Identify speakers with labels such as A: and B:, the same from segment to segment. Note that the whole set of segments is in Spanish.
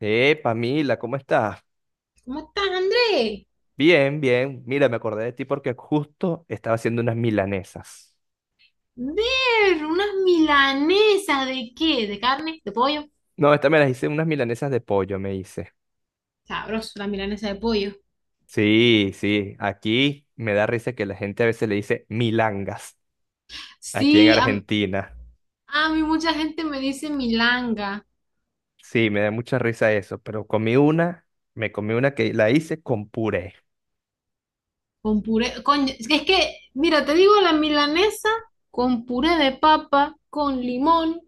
A: Pamila, ¿cómo estás?
B: ¿Cómo estás, Andrés?
A: Bien, bien. Mira, me acordé de ti porque justo estaba haciendo unas milanesas.
B: Ver, unas milanesas ¿de qué? ¿De carne? ¿De pollo?
A: No, esta me las hice unas milanesas de pollo, me hice.
B: Sabroso, la milanesa de pollo.
A: Sí, sí. Aquí me da risa que la gente a veces le dice milangas, aquí en
B: Sí,
A: Argentina.
B: a mí mucha gente me dice milanga
A: Sí, me da mucha risa eso, pero comí una, me comí una que la hice con puré.
B: con puré. Coño, es que, mira, te digo, la milanesa con puré de papa, con limón,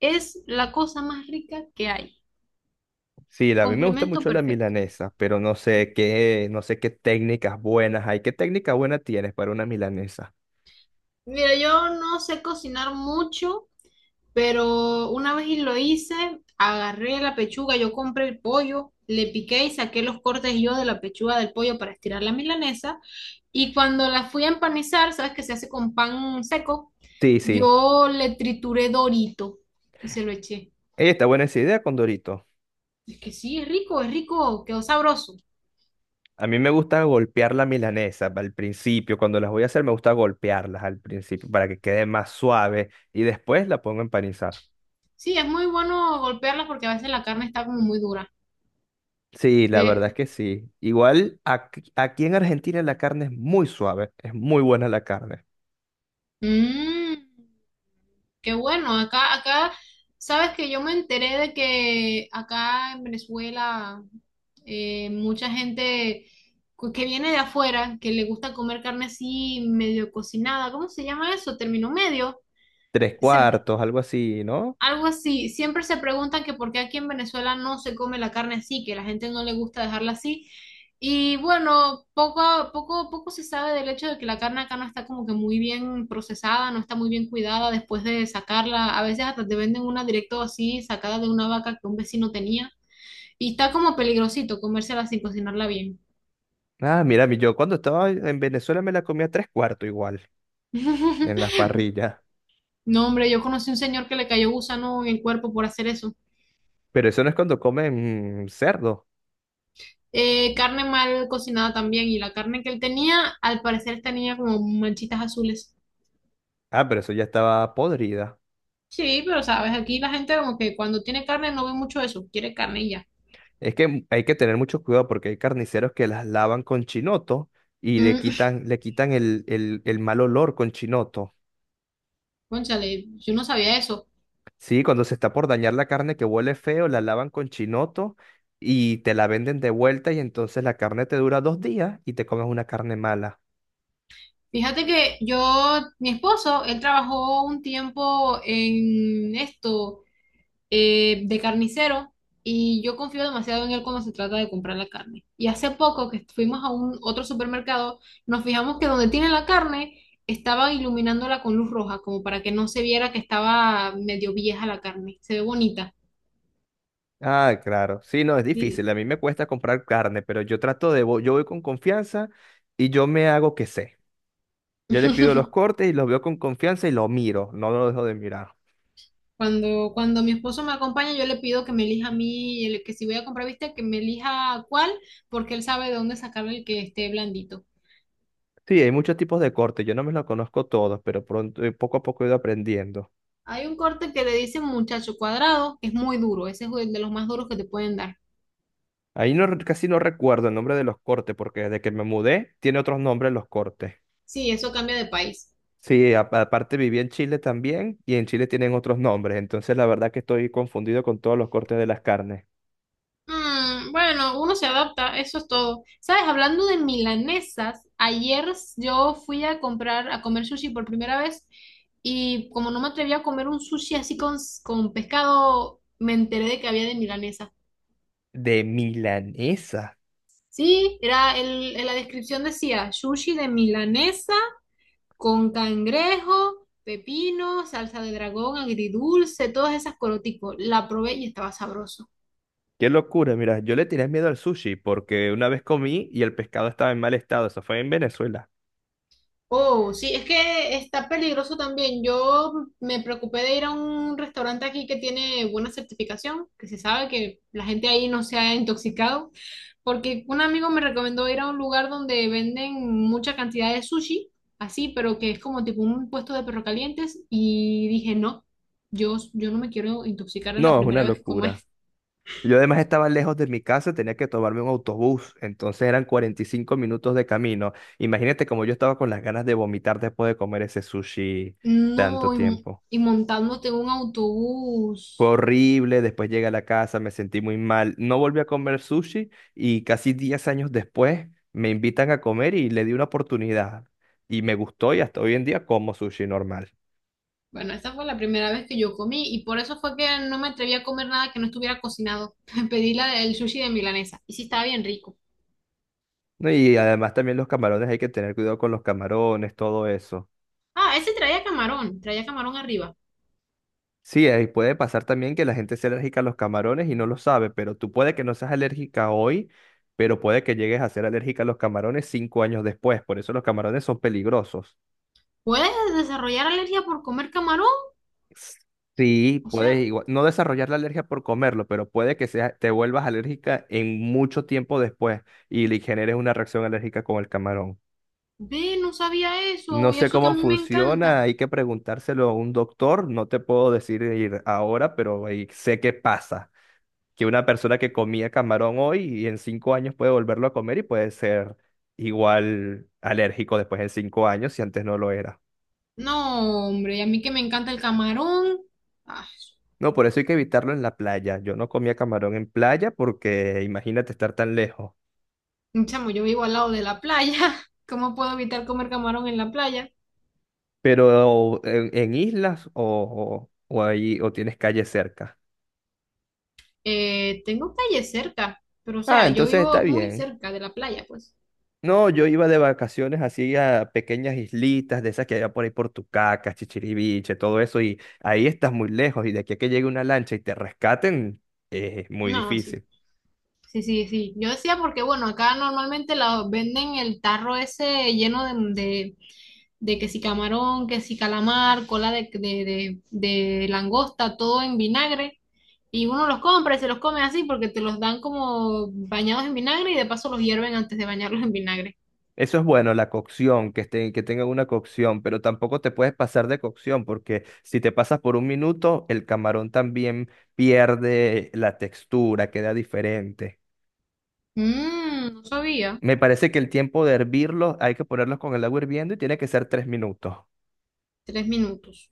B: es la cosa más rica que hay.
A: Sí, a mí me gusta
B: Complemento
A: mucho la
B: perfecto.
A: milanesa, pero no sé qué técnicas buenas hay. ¿Qué técnica buena tienes para una milanesa?
B: Mira, yo no sé cocinar mucho. Pero una vez y lo hice, agarré la pechuga, yo compré el pollo, le piqué y saqué los cortes yo de la pechuga del pollo para estirar la milanesa. Y cuando la fui a empanizar, sabes que se hace con pan seco,
A: Sí, sí.
B: yo le trituré Dorito y se lo eché.
A: Ey, está buena esa idea con Dorito.
B: Es que sí, es rico, quedó sabroso.
A: A mí me gusta golpear la milanesa al principio. Cuando las voy a hacer, me gusta golpearlas al principio para que quede más suave y después la pongo a empanizar.
B: Sí, es muy bueno golpearla porque a veces la carne está como muy dura.
A: Sí, la verdad es
B: De...
A: que sí. Igual aquí, aquí en Argentina la carne es muy suave, es muy buena la carne.
B: Mm. Qué bueno, sabes que yo me enteré de que acá en Venezuela mucha gente que viene de afuera, que le gusta comer carne así medio cocinada, ¿cómo se llama eso? Término medio.
A: Tres
B: Se
A: cuartos, algo así, ¿no?
B: Algo así, siempre se preguntan que por qué aquí en Venezuela no se come la carne así, que la gente no le gusta dejarla así. Y bueno, poco se sabe del hecho de que la carne acá no está como que muy bien procesada, no está muy bien cuidada después de sacarla. A veces hasta te venden una directo así, sacada de una vaca que un vecino tenía. Y está como peligrosito comérsela sin cocinarla bien.
A: Ah, mira, yo cuando estaba en Venezuela me la comía tres cuartos igual, en las parrillas.
B: No, hombre, yo conocí un señor que le cayó gusano en el cuerpo por hacer eso.
A: Pero eso no es cuando comen cerdo.
B: Carne mal cocinada también. Y la carne que él tenía, al parecer tenía como manchitas azules.
A: Ah, pero eso ya estaba podrida.
B: Sí, pero sabes, aquí la gente como que cuando tiene carne no ve mucho eso, quiere carne y ya.
A: Es que hay que tener mucho cuidado porque hay carniceros que las lavan con chinoto y le
B: Mm.
A: quitan, le quitan el mal olor con chinoto.
B: Cónchale, yo no sabía eso.
A: Sí, cuando se está por dañar la carne que huele feo, la lavan con chinoto y te la venden de vuelta y entonces la carne te dura 2 días y te comes una carne mala.
B: Fíjate que yo, mi esposo, él trabajó un tiempo en esto. De carnicero, y yo confío demasiado en él cuando se trata de comprar la carne. Y hace poco que fuimos a un otro supermercado, nos fijamos que donde tiene la carne estaba iluminándola con luz roja, como para que no se viera que estaba medio vieja la carne. Se ve bonita.
A: Ah, claro. Sí, no, es
B: Y-
A: difícil. A mí me cuesta comprar carne, pero yo trato de, yo voy con confianza y yo me hago que sé. Yo le pido los cortes y los veo con confianza y lo miro, no lo dejo de mirar.
B: cuando mi esposo me acompaña, yo le pido que me elija a mí, que si voy a comprar viste, que me elija cuál, porque él sabe de dónde sacar el que esté blandito.
A: Sí, hay muchos tipos de cortes, yo no me los conozco todos, pero pronto, poco a poco he ido aprendiendo.
B: Hay un corte que le dicen muchacho cuadrado, que es muy duro, ese es el de los más duros que te pueden dar.
A: Ahí no, casi no recuerdo el nombre de los cortes, porque desde que me mudé tiene otros nombres los cortes.
B: Sí, eso cambia de país.
A: Sí, aparte viví en Chile también y en Chile tienen otros nombres, entonces la verdad que estoy confundido con todos los cortes de las carnes.
B: Mm, bueno, uno se adapta, eso es todo. ¿Sabes? Hablando de milanesas, ayer yo fui a comprar, a comer sushi por primera vez, y como no me atreví a comer un sushi así con pescado, me enteré de que había de milanesa.
A: De milanesa.
B: Sí, era el, en la descripción decía sushi de milanesa con cangrejo, pepino, salsa de dragón, agridulce, todas esas corotico. La probé y estaba sabroso.
A: Qué locura, mira, yo le tenía miedo al sushi porque una vez comí y el pescado estaba en mal estado, eso fue en Venezuela.
B: Oh, sí, es que está peligroso también. Yo me preocupé de ir a un restaurante aquí que tiene buena certificación, que se sabe que la gente ahí no se ha intoxicado, porque un amigo me recomendó ir a un lugar donde venden mucha cantidad de sushi, así, pero que es como tipo un puesto de perro calientes, y dije, no, yo no me quiero intoxicar en la
A: No, es una
B: primera vez que coma.
A: locura. Yo además estaba lejos de mi casa, tenía que tomarme un autobús, entonces eran 45 minutos de camino. Imagínate como yo estaba con las ganas de vomitar después de comer ese sushi tanto
B: No,
A: tiempo.
B: y montándote en un
A: Fue
B: autobús.
A: horrible, después llegué a la casa, me sentí muy mal, no volví a comer sushi y casi 10 años después me invitan a comer y le di una oportunidad y me gustó y hasta hoy en día como sushi normal.
B: Bueno, esa fue la primera vez que yo comí y por eso fue que no me atreví a comer nada que no estuviera cocinado. Pedí el sushi de milanesa y sí estaba bien rico.
A: ¿No? Y además también los camarones, hay que tener cuidado con los camarones, todo eso.
B: Ah, ese traía camarón arriba.
A: Sí, ahí puede pasar también que la gente sea alérgica a los camarones y no lo sabe, pero tú puede que no seas alérgica hoy, pero puede que llegues a ser alérgica a los camarones 5 años después. Por eso los camarones son peligrosos.
B: ¿Puedes desarrollar alergia por comer camarón?
A: Sí,
B: O
A: puedes
B: sea,
A: igual- no desarrollar la alergia por comerlo, pero puede que sea, te vuelvas alérgica en mucho tiempo después y le generes una reacción alérgica con el camarón.
B: ve, no sabía eso
A: No
B: y
A: sé
B: eso que a
A: cómo
B: mí me encanta.
A: funciona, hay que preguntárselo a un doctor, no te puedo decir ahora, pero ahí sé qué pasa. Que una persona que comía camarón hoy y en 5 años puede volverlo a comer y puede ser igual alérgico después en 5 años si antes no lo era.
B: No, hombre, y a mí que me encanta el camarón. Ay,
A: No, por eso hay que evitarlo en la playa. Yo no comía camarón en playa porque imagínate estar tan lejos.
B: chamo, yo vivo al lado de la playa. ¿Cómo puedo evitar comer camarón en la playa?
A: Pero en islas o ahí o tienes calle cerca.
B: Tengo calle cerca, pero o
A: Ah,
B: sea, yo
A: entonces está
B: vivo muy
A: bien.
B: cerca de la playa, pues.
A: No, yo iba de vacaciones así a pequeñas islitas de esas que había por ahí por Tucacas, Chichiriviche, todo eso, y ahí estás muy lejos, y de aquí a que llegue una lancha y te rescaten, es muy
B: No, sí.
A: difícil.
B: Sí, sí, sí. Yo decía porque, bueno, acá normalmente la venden el tarro ese lleno de, de, de que si camarón, que si calamar, cola de langosta, todo en vinagre. Y uno los compra y se los come así porque te los dan como bañados en vinagre y de paso los hierven antes de bañarlos en vinagre.
A: Eso es bueno, la cocción, que estén, que tengan una cocción, pero tampoco te puedes pasar de cocción, porque si te pasas por un minuto, el camarón también pierde la textura, queda diferente.
B: Mmm, no sabía.
A: Me parece que el tiempo de hervirlos hay que ponerlos con el agua hirviendo y tiene que ser 3 minutos.
B: Tres minutos.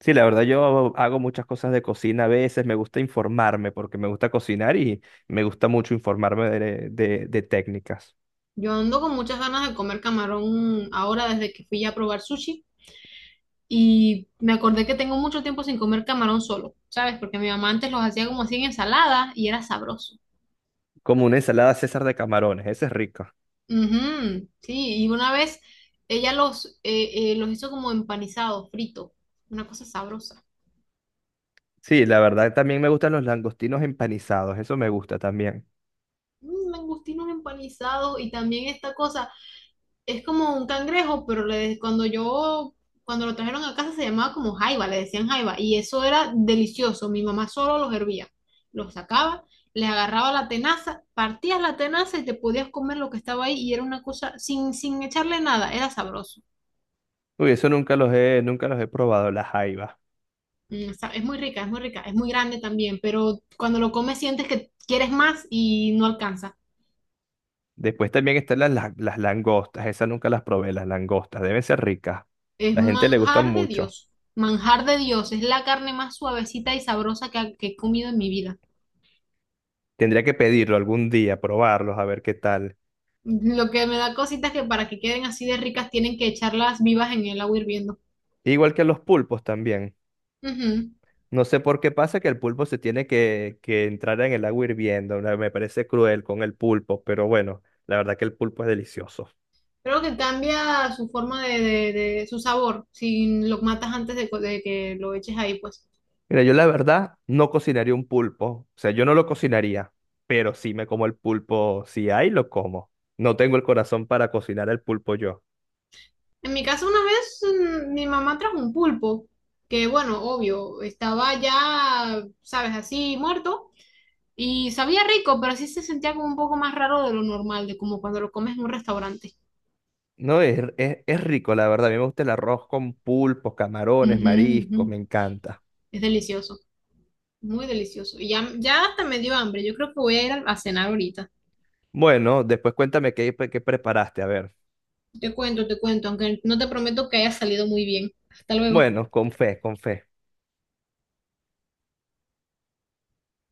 A: Sí, la verdad yo hago muchas cosas de cocina a veces, me gusta informarme porque me gusta cocinar y me gusta mucho informarme de técnicas.
B: Yo ando con muchas ganas de comer camarón ahora desde que fui a probar sushi y me acordé que tengo mucho tiempo sin comer camarón solo, ¿sabes? Porque mi mamá antes los hacía como así en ensalada y era sabroso.
A: Como una ensalada César de camarones, esa es rica.
B: Ujú, sí, y una vez ella los hizo como empanizados, frito, una cosa sabrosa.
A: Sí, la verdad también me gustan los langostinos empanizados, eso me gusta también.
B: Mm, langostinos empanizados y también esta cosa. Es como un cangrejo, pero cuando yo, cuando lo trajeron a casa se llamaba como jaiba, le decían jaiba, y eso era delicioso. Mi mamá solo los hervía, los sacaba, les agarraba la tenaza, partías la tenaza y te podías comer lo que estaba ahí y era una cosa sin echarle nada, era sabroso.
A: Uy, eso nunca los he, nunca los he probado, las jaivas.
B: Mm, es muy rica, es muy rica, es muy grande también, pero cuando lo comes sientes que quieres más y no alcanza.
A: Después también están las, langostas, esas nunca las probé, las langostas, deben ser ricas.
B: Es
A: La gente le gustan mucho.
B: Manjar de Dios, es la carne más suavecita y sabrosa que he comido en mi vida.
A: Tendría que pedirlo algún día, probarlos, a ver qué tal.
B: Lo que me da cositas que para que queden así de ricas tienen que echarlas vivas en el agua hirviendo.
A: Igual que los pulpos también.
B: Ujú.
A: No sé por qué pasa que el pulpo se tiene que entrar en el agua hirviendo. ¿No? Me parece cruel con el pulpo, pero bueno, la verdad que el pulpo es delicioso.
B: Creo que cambia su forma de, su sabor si lo matas antes de, de que lo eches ahí, pues.
A: Mira, yo la verdad no cocinaría un pulpo. O sea, yo no lo cocinaría, pero sí me como el pulpo. Si hay, lo como. No tengo el corazón para cocinar el pulpo yo.
B: En mi casa una vez mi mamá trajo un pulpo, que bueno, obvio, estaba ya, sabes, así muerto y sabía rico, pero sí se sentía como un poco más raro de lo normal, de como cuando lo comes en un restaurante.
A: No, es rico, la verdad. A mí me gusta el arroz con pulpos, camarones,
B: Ujú,
A: mariscos, me
B: ujú.
A: encanta.
B: Es delicioso. Muy delicioso. Y ya, ya hasta me dio hambre. Yo creo que voy a ir a cenar ahorita.
A: Bueno, después cuéntame qué preparaste. A ver.
B: Te cuento, aunque no te prometo que haya salido muy bien. Hasta luego.
A: Bueno, con fe, con fe.